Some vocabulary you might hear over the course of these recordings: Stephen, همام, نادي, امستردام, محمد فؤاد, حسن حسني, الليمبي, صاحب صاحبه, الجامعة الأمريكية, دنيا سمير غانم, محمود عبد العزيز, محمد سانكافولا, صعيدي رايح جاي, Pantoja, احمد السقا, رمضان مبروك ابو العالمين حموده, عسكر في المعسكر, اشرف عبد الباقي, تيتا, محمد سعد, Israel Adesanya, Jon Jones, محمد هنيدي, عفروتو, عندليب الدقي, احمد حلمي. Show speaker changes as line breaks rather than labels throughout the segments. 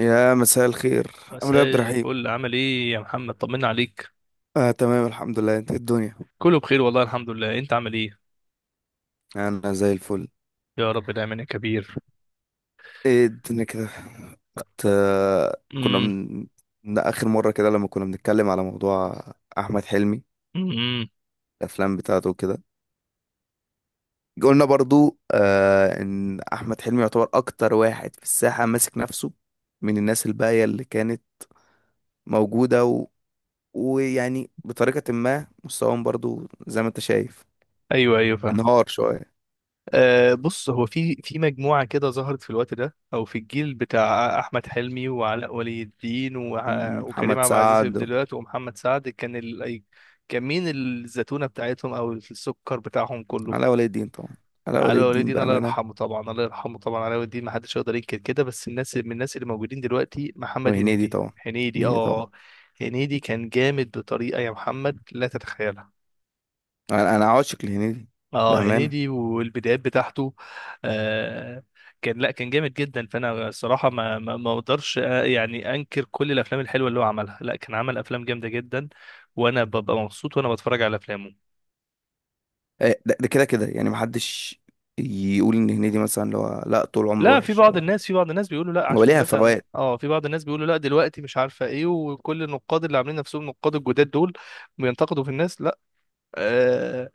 يا مساء الخير. عامل ايه
مساء
يا عبد الرحيم؟
الفل، عامل ايه يا محمد؟ طمنا عليك.
تمام الحمد لله، انت إيه الدنيا؟
كله بخير والله، الحمد لله. انت عامل ايه؟
انا زي الفل.
يا رب دايما يا كبير.
ايه الدنيا كده؟ كنت كنا
امم.
من اخر مرة كده لما كنا بنتكلم على موضوع احمد حلمي،
امم.
الافلام بتاعته وكده. قلنا برضو ان احمد حلمي يعتبر اكتر واحد في الساحة ماسك نفسه من الناس الباقية اللي كانت موجودة ويعني بطريقة ما مستواهم برضو زي ما انت شايف
ايوه ايوه، فاهم.
انهار شوية.
بص، هو في مجموعه كده ظهرت في الوقت ده، او في الجيل بتاع احمد حلمي وعلاء ولي الدين وكريم
محمد
عبد العزيز في
سعد.
بداياته، ومحمد سعد كان كان مين الزتونه بتاعتهم او السكر بتاعهم كله؟
علاء ولي الدين طبعا، علاء ولي
علي
الدين
وليدين الله
بأمانة.
يرحمه طبعا، الله يرحمه طبعا. علي وليدين ما حدش يقدر ينكر كده. بس من الناس اللي موجودين دلوقتي، محمد
وهنيدي
هنيدي.
طبعا،
هنيدي،
هنيدي طبعا.
اه. هنيدي كان جامد بطريقة يا محمد لا تتخيلها.
أنا عاشق لهنيدي
اه،
بأمانة.
هنيدي والبدايات بتاعته. آه. لا كان جامد جدا. فانا الصراحة ما اقدرش، يعني، انكر كل الافلام الحلوة اللي هو عملها. لا، كان عمل افلام جامدة جدا، وانا ببقى مبسوط وانا بتفرج على افلامه.
آه، ده كده يعني محدش يقول إن هنيدي مثلا اللي هو لا طول عمره
لا،
وحش أو
في بعض الناس بيقولوا لا،
هو
عشان
ليها
مثلا
فوات.
في بعض الناس بيقولوا لا دلوقتي، مش عارفه ايه، وكل النقاد اللي عاملين نفسهم نقاد الجداد دول بينتقدوا في الناس. لا، آه.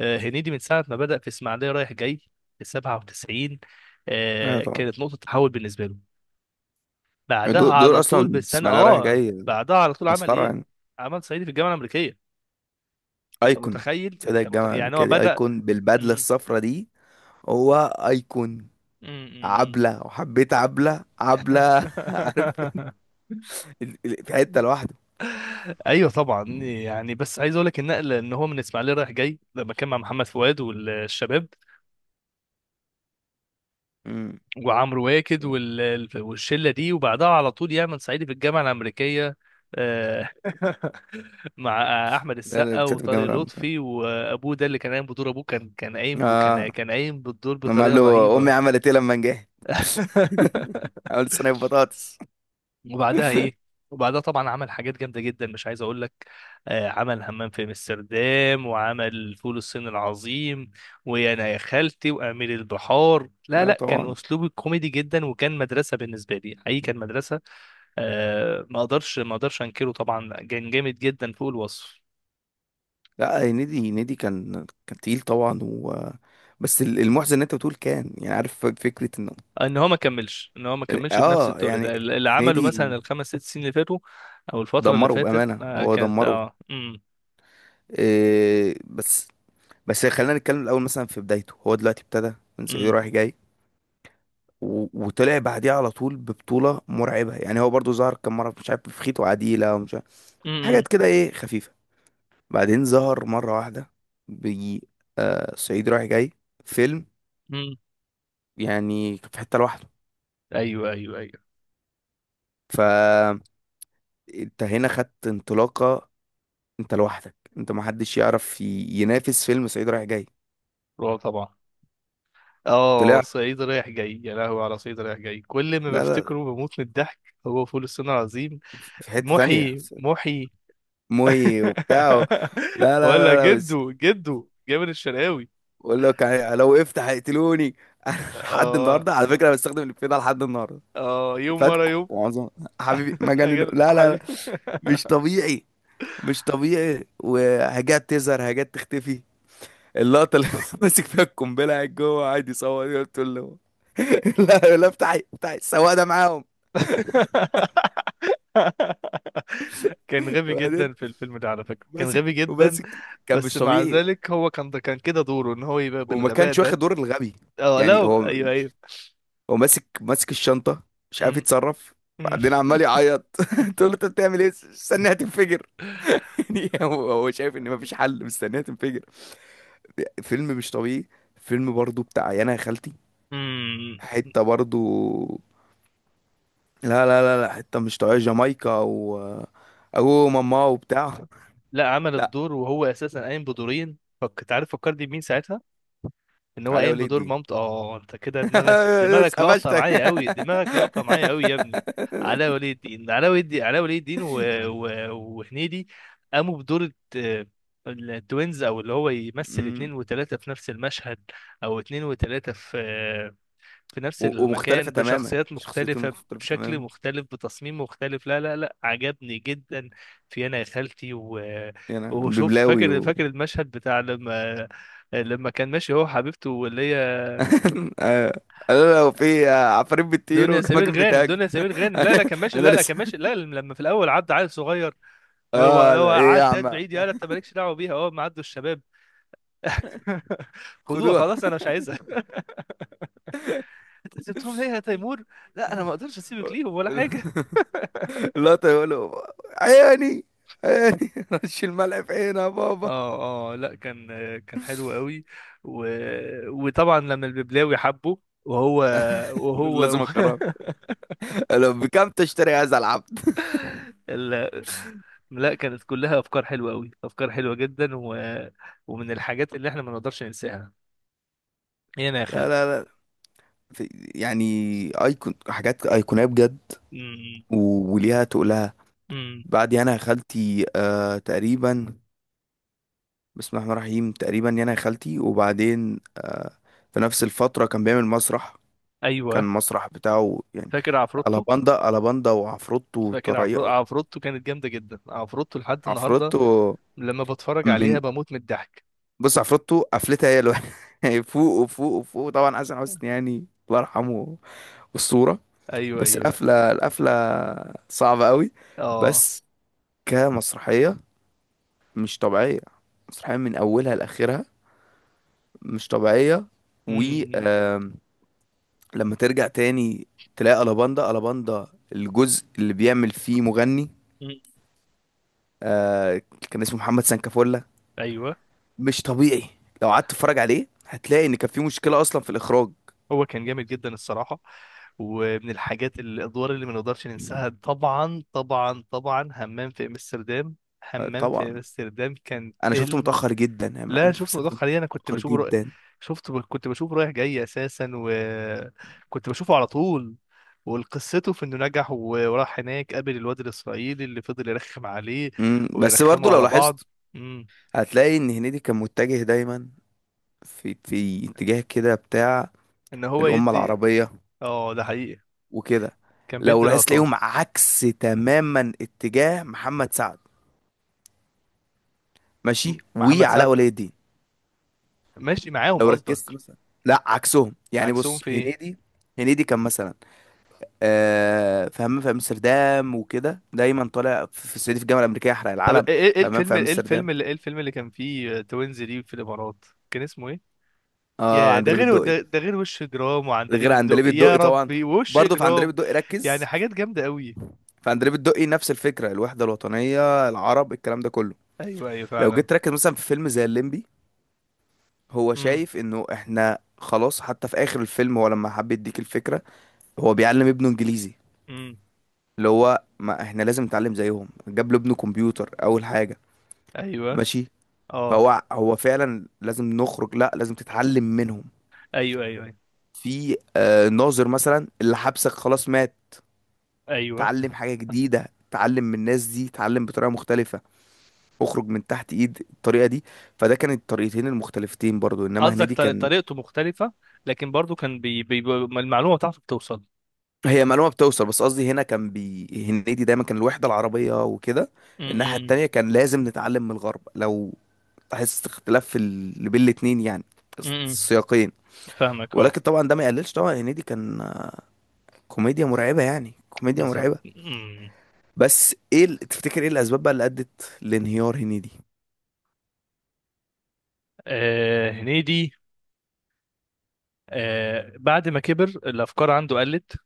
آه. هنيدي من ساعه ما بدأ في اسماعيليه رايح جاي في 97،
أيوة
آه
طبعا.
كانت نقطه تحول بالنسبه له. بعدها
دول
على طول،
أصلا
بالسنه،
بسم الله رايح جاي،
بعدها على طول عمل
مسخرة
ايه؟
يعني.
عمل صعيدي في الجامعه الامريكيه. انت
أيكون،
متخيل؟
سيدة
انت
الجامعة
متخيل؟ يعني
الأمريكية
هو
دي
بدأ.
أيكون بالبدلة
م-
الصفرا دي. هو أيكون
م- م- م.
عبلة، وحبيت عبلة. عارف، في حتة لوحده.
ايوه طبعا، يعني بس عايز اقول لك النقل، ان هو من الاسماعيليه رايح جاي لما كان مع محمد فؤاد والشباب
مم.
وعمرو واكد والشله دي، وبعدها على طول يعمل صعيدي في الجامعه الامريكيه. آه، مع احمد
لا لا،
السقا
كانت في الجامعة
وطارق لطفي
الأمريكية.
وابوه. ده اللي كان قايم بدور ابوه، كان قايم
آه،
كان قايم بالدور
لما قال
بطريقه
له امي
رهيبه.
عملت ايه لما نجحت، عملت صينيه بطاطس.
وبعدها ايه؟ وبعدها طبعا عمل حاجات جامده جدا مش عايز اقول لك. آه، عمل همام في امستردام، وعمل فول الصين العظيم، ويا انا يا خالتي، وامير البحار. لا
ايوه
لا، كان
طبعا.
اسلوبه كوميدي جدا، وكان مدرسه بالنسبه لي، حقيقي كان مدرسه. آه، ما اقدرش ما اقدرش انكره. طبعا كان جامد جدا فوق الوصف.
لا، هنيدي، هنيدي كان تقيل طبعا بس المحزن ان انت بتقول كان، يعني عارف فكره انه
آه، ان هو ما كملش ان هو ما كملش بنفس
اه،
التقل
يعني
ده اللي عمله مثلا،
هنيدي
الخمس ست سنين اللي فاتوا، او الفتره اللي
دمره
فاتت.
بامانه،
آه
هو
كانت،
دمره.
امم.
إيه بس، بس خلينا نتكلم الاول. مثلا في بدايته هو دلوقتي ابتدى من صعيدي رايح جاي وطلع بعديها على طول ببطوله مرعبه. يعني هو برضو ظهر كم مره مش عارف في خيط وعديله ومش عارف
امم.
حاجات كده ايه خفيفه. بعدين ظهر مرة واحدة، بيجي آه صعيدي رايح جاي فيلم
امم.
يعني في حتة لوحده.
ايوه ايوه ايوه.
فانت هنا خدت انطلاقة، انت لوحدك، انت محدش يعرف ينافس فيلم صعيدي رايح جاي.
رعب طبعا. اه،
طلع،
صعيدي رايح جاي. يا لهوي على صعيدي رايح جاي، كل ما
لا
بفتكره
لا،
بموت من الضحك. هو فول الصين العظيم.
في حتة تانية،
محي محي.
مهي وبتاع لا لا
ولا
لا لا بس،
جدو جدو جابر الشرقاوي.
بقول لك يعني لو وقفت هيقتلوني. لحد
اه
النهارده على فكرة أنا بستخدم الإفيه ده لحد النهارده.
اه، يوم ورا
فاتكو
يوم.
معظم، حبيبي مجنون،
أجل
لا لا لا
حبيبي.
مش طبيعي، مش طبيعي. وحاجات تظهر حاجات تختفي. اللقطة اللي ماسك فيها القنبلة، قاعد جوه قاعد يصور، يقول تقول له لا لا، افتحي السواق ده معاهم.
كان غبي
وبعدين
جدا في الفيلم ده على فكرة، كان غبي
ماسك
جدا.
وماسك كان
بس
مش
مع
طبيعي.
ذلك هو كان كده دوره، ان هو يبقى
وما
بالغباء
كانش واخد
ده.
دور الغبي
اه
يعني.
لا،
هو
ايوه ايوه.
هو ماسك الشنطة، مش عارف يتصرف،
مم.
بعدين عمال يعيط. تقول له انت بتعمل ايه؟ استناها تنفجر؟ يعني هو شايف ان مفيش حل، مستناها تنفجر. فيلم مش طبيعي. فيلم برضو بتاع يانا يا خالتي،
مم.
حتة برضو، لا لا لا لا، حتة مش طبيعية. جامايكا و أبو ماما وبتاع.
لا، عمل
لا،
الدور وهو اساسا قايم بدورين، فكنت عارف. فكرني بمين ساعتها، ان هو
علاء
قايم
ولي
بدور
الدين.
مامته. اه، انت كده دماغك،
بس
دماغك لقطه
قفشتك.
معايا قوي، دماغك لقطه معايا قوي يا ابني. علاء ولي الدين، علاء ولي الدين، علاء ولي الدين، و... وهنيدي قاموا بدور التوينز، او اللي هو يمثل
أمم.
اتنين وتلاته في نفس المشهد، او اتنين وتلاته في في نفس
ومختلفة
المكان،
تماما،
بشخصيات
شخصيتين
مختلفة،
مختلفة
بشكل
تماما
مختلف، بتصميم مختلف. لا لا لا، عجبني جدا. في أنا يا خالتي
يعني. أنا
وشوف،
ببلاوي
فاكر
و
فاكر المشهد بتاع لما كان ماشي، هو حبيبته واللي هي
آه. لا، لو في آه، عفاريت بتطير
دنيا
وجماجم
سمير غانم،
بتهاجم.
دنيا سمير غانم. لا لا كان ماشي،
انا
لا لا
لسه
كان ماشي، لا لما في الأول عدى عيل صغير. هو
اه،
هو
لا ايه يا
عدى يد
عم؟
بعيد، يا لا أنت مالكش دعوة بيها، هو ما عدوا الشباب. خدوها،
خدوها.
خلاص أنا مش عايزها. أنت سبتهم ليه يا تيمور؟ لا أنا ما أقدرش أسيبك ليهم ولا حاجة.
لا يقولوا عيني، عيني. رش الملعب في عينها بابا.
اه اه، لا كان، كان حلو قوي و... وطبعا لما الببلاوي حبه، وهو
لازم
وهو
اقرا، لو بكام تشتري هذا العبد؟
ال... لا، كانت كلها افكار حلوه قوي، افكار حلوه جدا. ومن الحاجات اللي احنا ما نقدرش ننساها، هنا يا
لا
خالتي.
لا لا، في يعني ايكون، حاجات ايقونيه بجد
امم.
وليها تقولها.
أمم.
بعد يانا يا خالتي آه تقريبا، بسم الله الرحمن الرحيم، تقريبا يانا يا خالتي. وبعدين في نفس الفتره كان بيعمل مسرح، كان
ايوه،
مسرح بتاعه يعني.
فاكر عفروتو.
الاباندا وعفروتو
فاكر
وطريقه.
عفروتو كانت جامده جدا. عفروتو لحد النهارده
عفروتو
لما بتفرج عليها
من،
بموت من الضحك.
بص عفروتو قفلتها هي الوحيده. فوق وفوق وفوق طبعا، حسن حسني يعني الله يرحمه، والصورة.
ايوه
بس
ايوه.
القفلة، القفلة صعبة قوي.
اه
بس كمسرحية مش طبيعية، مسرحية من أولها لآخرها مش طبيعية. و
امم.
آم، لما ترجع تاني تلاقي ألاباندا، الجزء اللي بيعمل فيه مغني،
أمم.
آه، كان اسمه محمد سانكافولا.
ايوه.
مش طبيعي، لو قعدت تتفرج عليه هتلاقي إن كان في مشكلة أصلا في الإخراج.
هو كان جامد جدا الصراحة. ومن الحاجات الأدوار اللي ما نقدرش ننساها، طبعا طبعا طبعا، همام في أمستردام.
آه،
همام
طبعا
في أمستردام كان
أنا شفته
فيلم.
متأخر جدا يعني
لا، شفته متأخر عليه. أنا كنت
متأخر
بشوفه،
جدا.
شفته كنت بشوفه رايح جاي أساسا، وكنت بشوفه على طول. وقصته في انه نجح وراح هناك، قابل الواد الاسرائيلي اللي فضل يرخم عليه،
مم، بس برضه
ويرخموا
لو
على بعض.
لاحظت
امم.
هتلاقي ان هنيدي كان متجه دايما في اتجاه كده بتاع
ان هو
الأمة
يدي.
العربية
اه ده حقيقي،
وكده.
كان
لو
بيدي
لاحظت
لقطات.
تلاقيهم عكس تماما اتجاه محمد سعد، ماشي،
محمد سعد
وعلاء ولي الدين.
ماشي معاهم
لو ركزت
قصدك؟
مثلا، لا عكسهم يعني.
عكسهم
بص
في ايه؟
هنيدي، هنيدي كان مثلا آه في همام في امستردام وكده دايما طالع، في الصعيدي في الجامعه الامريكيه يحرق
طب ايه
العلم.
ايه إيه
في همام
الفيلم
في
ايه
امستردام،
الفيلم اللي ايه الفيلم اللي كان فيه توينز دي في الامارات، كان اسمه ايه؟
اه
يا ده
عندليب
غير
الدقي.
ده، ده غير، وش جرام، وعندليب
غير
الدق،
عندليب
يا
الدقي طبعا.
ربي، وش
برضه في عندليب
جرام.
الدقي
يعني
ركز،
حاجات جامده قوي.
فاندريه بتدقي، نفس الفكره، الوحده الوطنيه، العرب، الكلام ده كله.
ايوه ايوه،
لو
فعلا.
جيت تركز مثلا في فيلم زي الليمبي، هو
امم.
شايف انه احنا خلاص، حتى في اخر الفيلم هو لما حب يديك الفكره هو بيعلم ابنه انجليزي،
امم.
اللي هو ما احنا لازم نتعلم زيهم. جاب له ابنه كمبيوتر اول حاجه،
ايوه،
ماشي.
اه
فهو فعلا لازم نخرج، لا، لازم تتعلم منهم.
ايوه ايوه ايوه
في آه ناظر مثلا اللي حبسك خلاص مات،
ايوه.
تعلم حاجه جديده، تعلم من الناس دي، تعلم بطريقه مختلفه، اخرج من تحت ايد الطريقه دي. فده كانت الطريقتين المختلفتين برضو، انما
قصدك
هنيدي كان.
طريقته مختلفه، لكن برضو كان المعلومه بتاعته بتوصل.
هي معلومه بتوصل، بس قصدي هنا كان هنيدي دايما كان الوحده العربيه وكده،
امم.
الناحيه
امم.
التانيه كان لازم نتعلم من الغرب. لو تحس اختلاف بين الاتنين يعني،
أمم. امم.
السياقين.
فاهمك، اه.
ولكن طبعا ده ما يقللش، طبعا هنيدي كان آه، كوميديا مرعبه يعني، كوميديا
بالظبط،
مرعبه.
امم.
بس ايه تفتكر ايه الاسباب بقى اللي ادت لانهيار هنيدي؟
آه، هنيدي. آه، بعد ما كبر الافكار عنده قلت،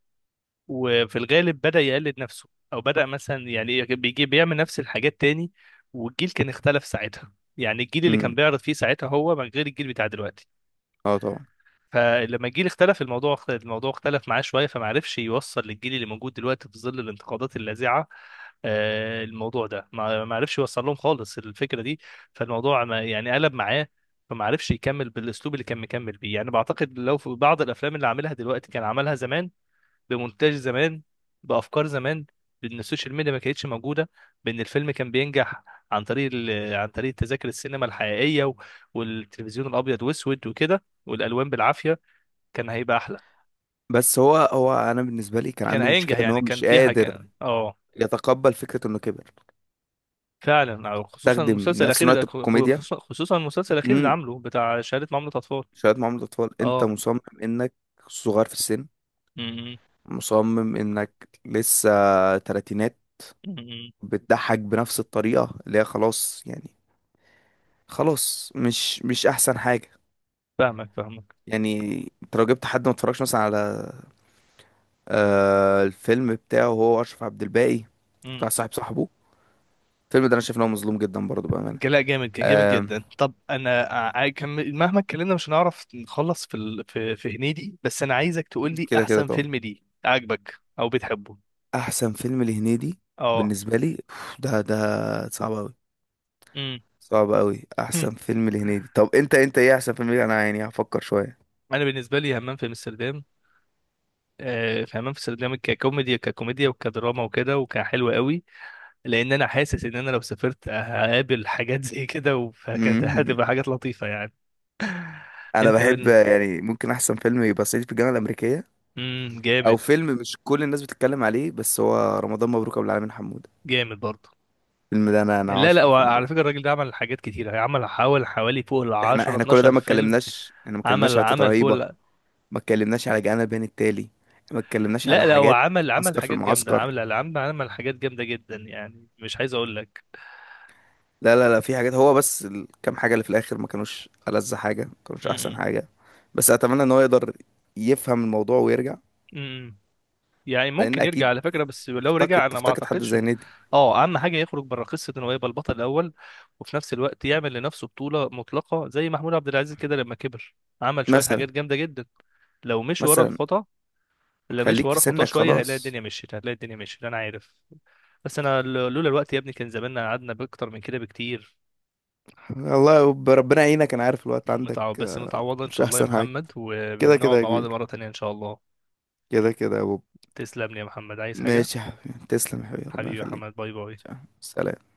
وفي الغالب بدأ يقلد نفسه، او بدأ مثلا يعني، إيه، بيجي بيعمل نفس الحاجات تاني. والجيل كان اختلف ساعتها، يعني الجيل اللي
امم،
كان بيعرض فيه ساعتها هو من غير الجيل بتاع دلوقتي.
اه طبعا.
فلما الجيل اختلف، الموضوع اختلف معاه شويه، فما عرفش يوصل للجيل اللي موجود دلوقتي في ظل الانتقادات اللاذعه. آه، الموضوع ده ما عرفش يوصل لهم خالص الفكره دي. فالموضوع ما يعني قلب معاه، فما عرفش يكمل بالاسلوب اللي كان مكمل بيه. يعني بعتقد لو في بعض الافلام اللي عاملها دلوقتي كان عملها زمان، بمونتاج زمان، بافكار زمان، بان السوشيال ميديا ما كانتش موجوده، بان الفيلم كان بينجح عن طريق عن طريق تذاكر السينما الحقيقيه، والتلفزيون الابيض واسود وكده، والالوان بالعافيه، كان هيبقى احلى،
بس هو انا بالنسبه لي كان
كان
عنده مشكله
هينجح
ان هو
يعني. كان
مش
في حاجه
قادر
اه
يتقبل فكرة انه كبر،
فعلا، أو خصوصا
تخدم
المسلسل
نفس
الاخير
نوع
ده.
الكوميديا.
خصوصا، خصوصا المسلسل الاخير اللي
امم،
عامله، بتاع شهاده معامله اطفال.
شوية معاملة اطفال. انت
اه.
مصمم انك صغير في السن،
م-
مصمم انك لسه تلاتينات،
م- م-
بتضحك بنفس الطريقة اللي هي خلاص يعني، خلاص مش احسن حاجة
فاهمك فاهمك.
يعني. انت لو جبت حد ما اتفرجش مثلا على آه الفيلم بتاعه هو اشرف عبد الباقي، بتاع
م.
صاحبه. الفيلم ده انا شايف ان هو مظلوم جدا برضه بأمانة.
لا، جامد، كان جامد
آه،
جدا. طب انا، مهما اتكلمنا مش هنعرف نخلص في في هنيدي. بس انا عايزك تقول لي
كده
احسن
طبعا.
فيلم ليه عاجبك او بتحبه.
احسن فيلم لهنيدي
اه.
بالنسبه لي أوف، ده صعب قوي،
م.
صعب قوي
م.
احسن فيلم لهنيدي. طب انت ايه احسن فيلم ليه؟ انا يعني هفكر شويه.
انا بالنسبه لي همام في امستردام. آه، في همام في امستردام، ككوميديا ككوميديا وكدراما وكده، وكان حلو قوي. لان انا حاسس ان انا لو سافرت هقابل حاجات زي كده، فكانت
مم.
هتبقى حاجات لطيفه يعني.
انا
انت
بحب،
بن
يعني ممكن احسن فيلم يبقى صعيدي في الجامعه الامريكيه،
امم،
او
جامد.
فيلم مش كل الناس بتتكلم عليه بس هو رمضان مبروك ابو العالمين حموده.
جامد برضه.
الفيلم ده، انا
لا
عاشق
لا، هو
الفيلم
على
ده.
فكره الراجل ده عمل حاجات كتيره، عمل حوالي فوق ال
احنا
10
احنا كل ده
12
ما
فيلم.
اتكلمناش، احنا ما اتكلمناش
عمل،
على تيتا
فوق
رهيبه، ما اتكلمناش على جانا بين التالي، ما اتكلمناش على
لا لا، هو
حاجات.
عمل
عسكر في
حاجات جامده،
المعسكر.
عمل حاجات جامده جدا، يعني مش عايز اقول لك.
لا لا لا، في حاجات هو بس الكام حاجة اللي في الآخر ما كانوش ألذ حاجة، ما كانوش أحسن حاجة. بس أتمنى إن هو يقدر يفهم الموضوع ويرجع،
امم. يعني
لأن
ممكن يرجع
أكيد
على فكرة، بس لو
افتقد،
رجع انا ما
تفتقد حد
اعتقدش
زي نادي.
اه، اهم حاجة يخرج بره قصة انه يبقى البطل الاول، وفي نفس الوقت يعمل لنفسه بطولة مطلقة زي محمود عبد العزيز كده لما كبر، عمل شوية
مثلا،
حاجات جامدة جدا. لو مشي ورا
مثلا
الخطا، لو مشي
خليك في
ورا خطاه
سنك
شوية، هيلاقي
خلاص.
الدنيا مشيت، هتلاقي الدنيا مشيت، انا عارف. بس انا، لولا الوقت يا ابني كان زماننا قعدنا باكتر من كده بكتير.
ربنا يعينك، أنا عارف الوقت عندك
بس
آه،
متعوضة ان
مش
شاء الله يا
أحسن حاجة.
محمد،
كده
ونقعد
كده يا
مع بعض
كبير،
مرة تانية ان شاء الله.
كده كده يا بوب.
تسلم لي يا محمد، عايز حاجة؟
ماشي يا حبيبي، تسلم يا حبيبي، ربنا
حبيبي يا
يخليك.
محمد، باي باي.
سلام.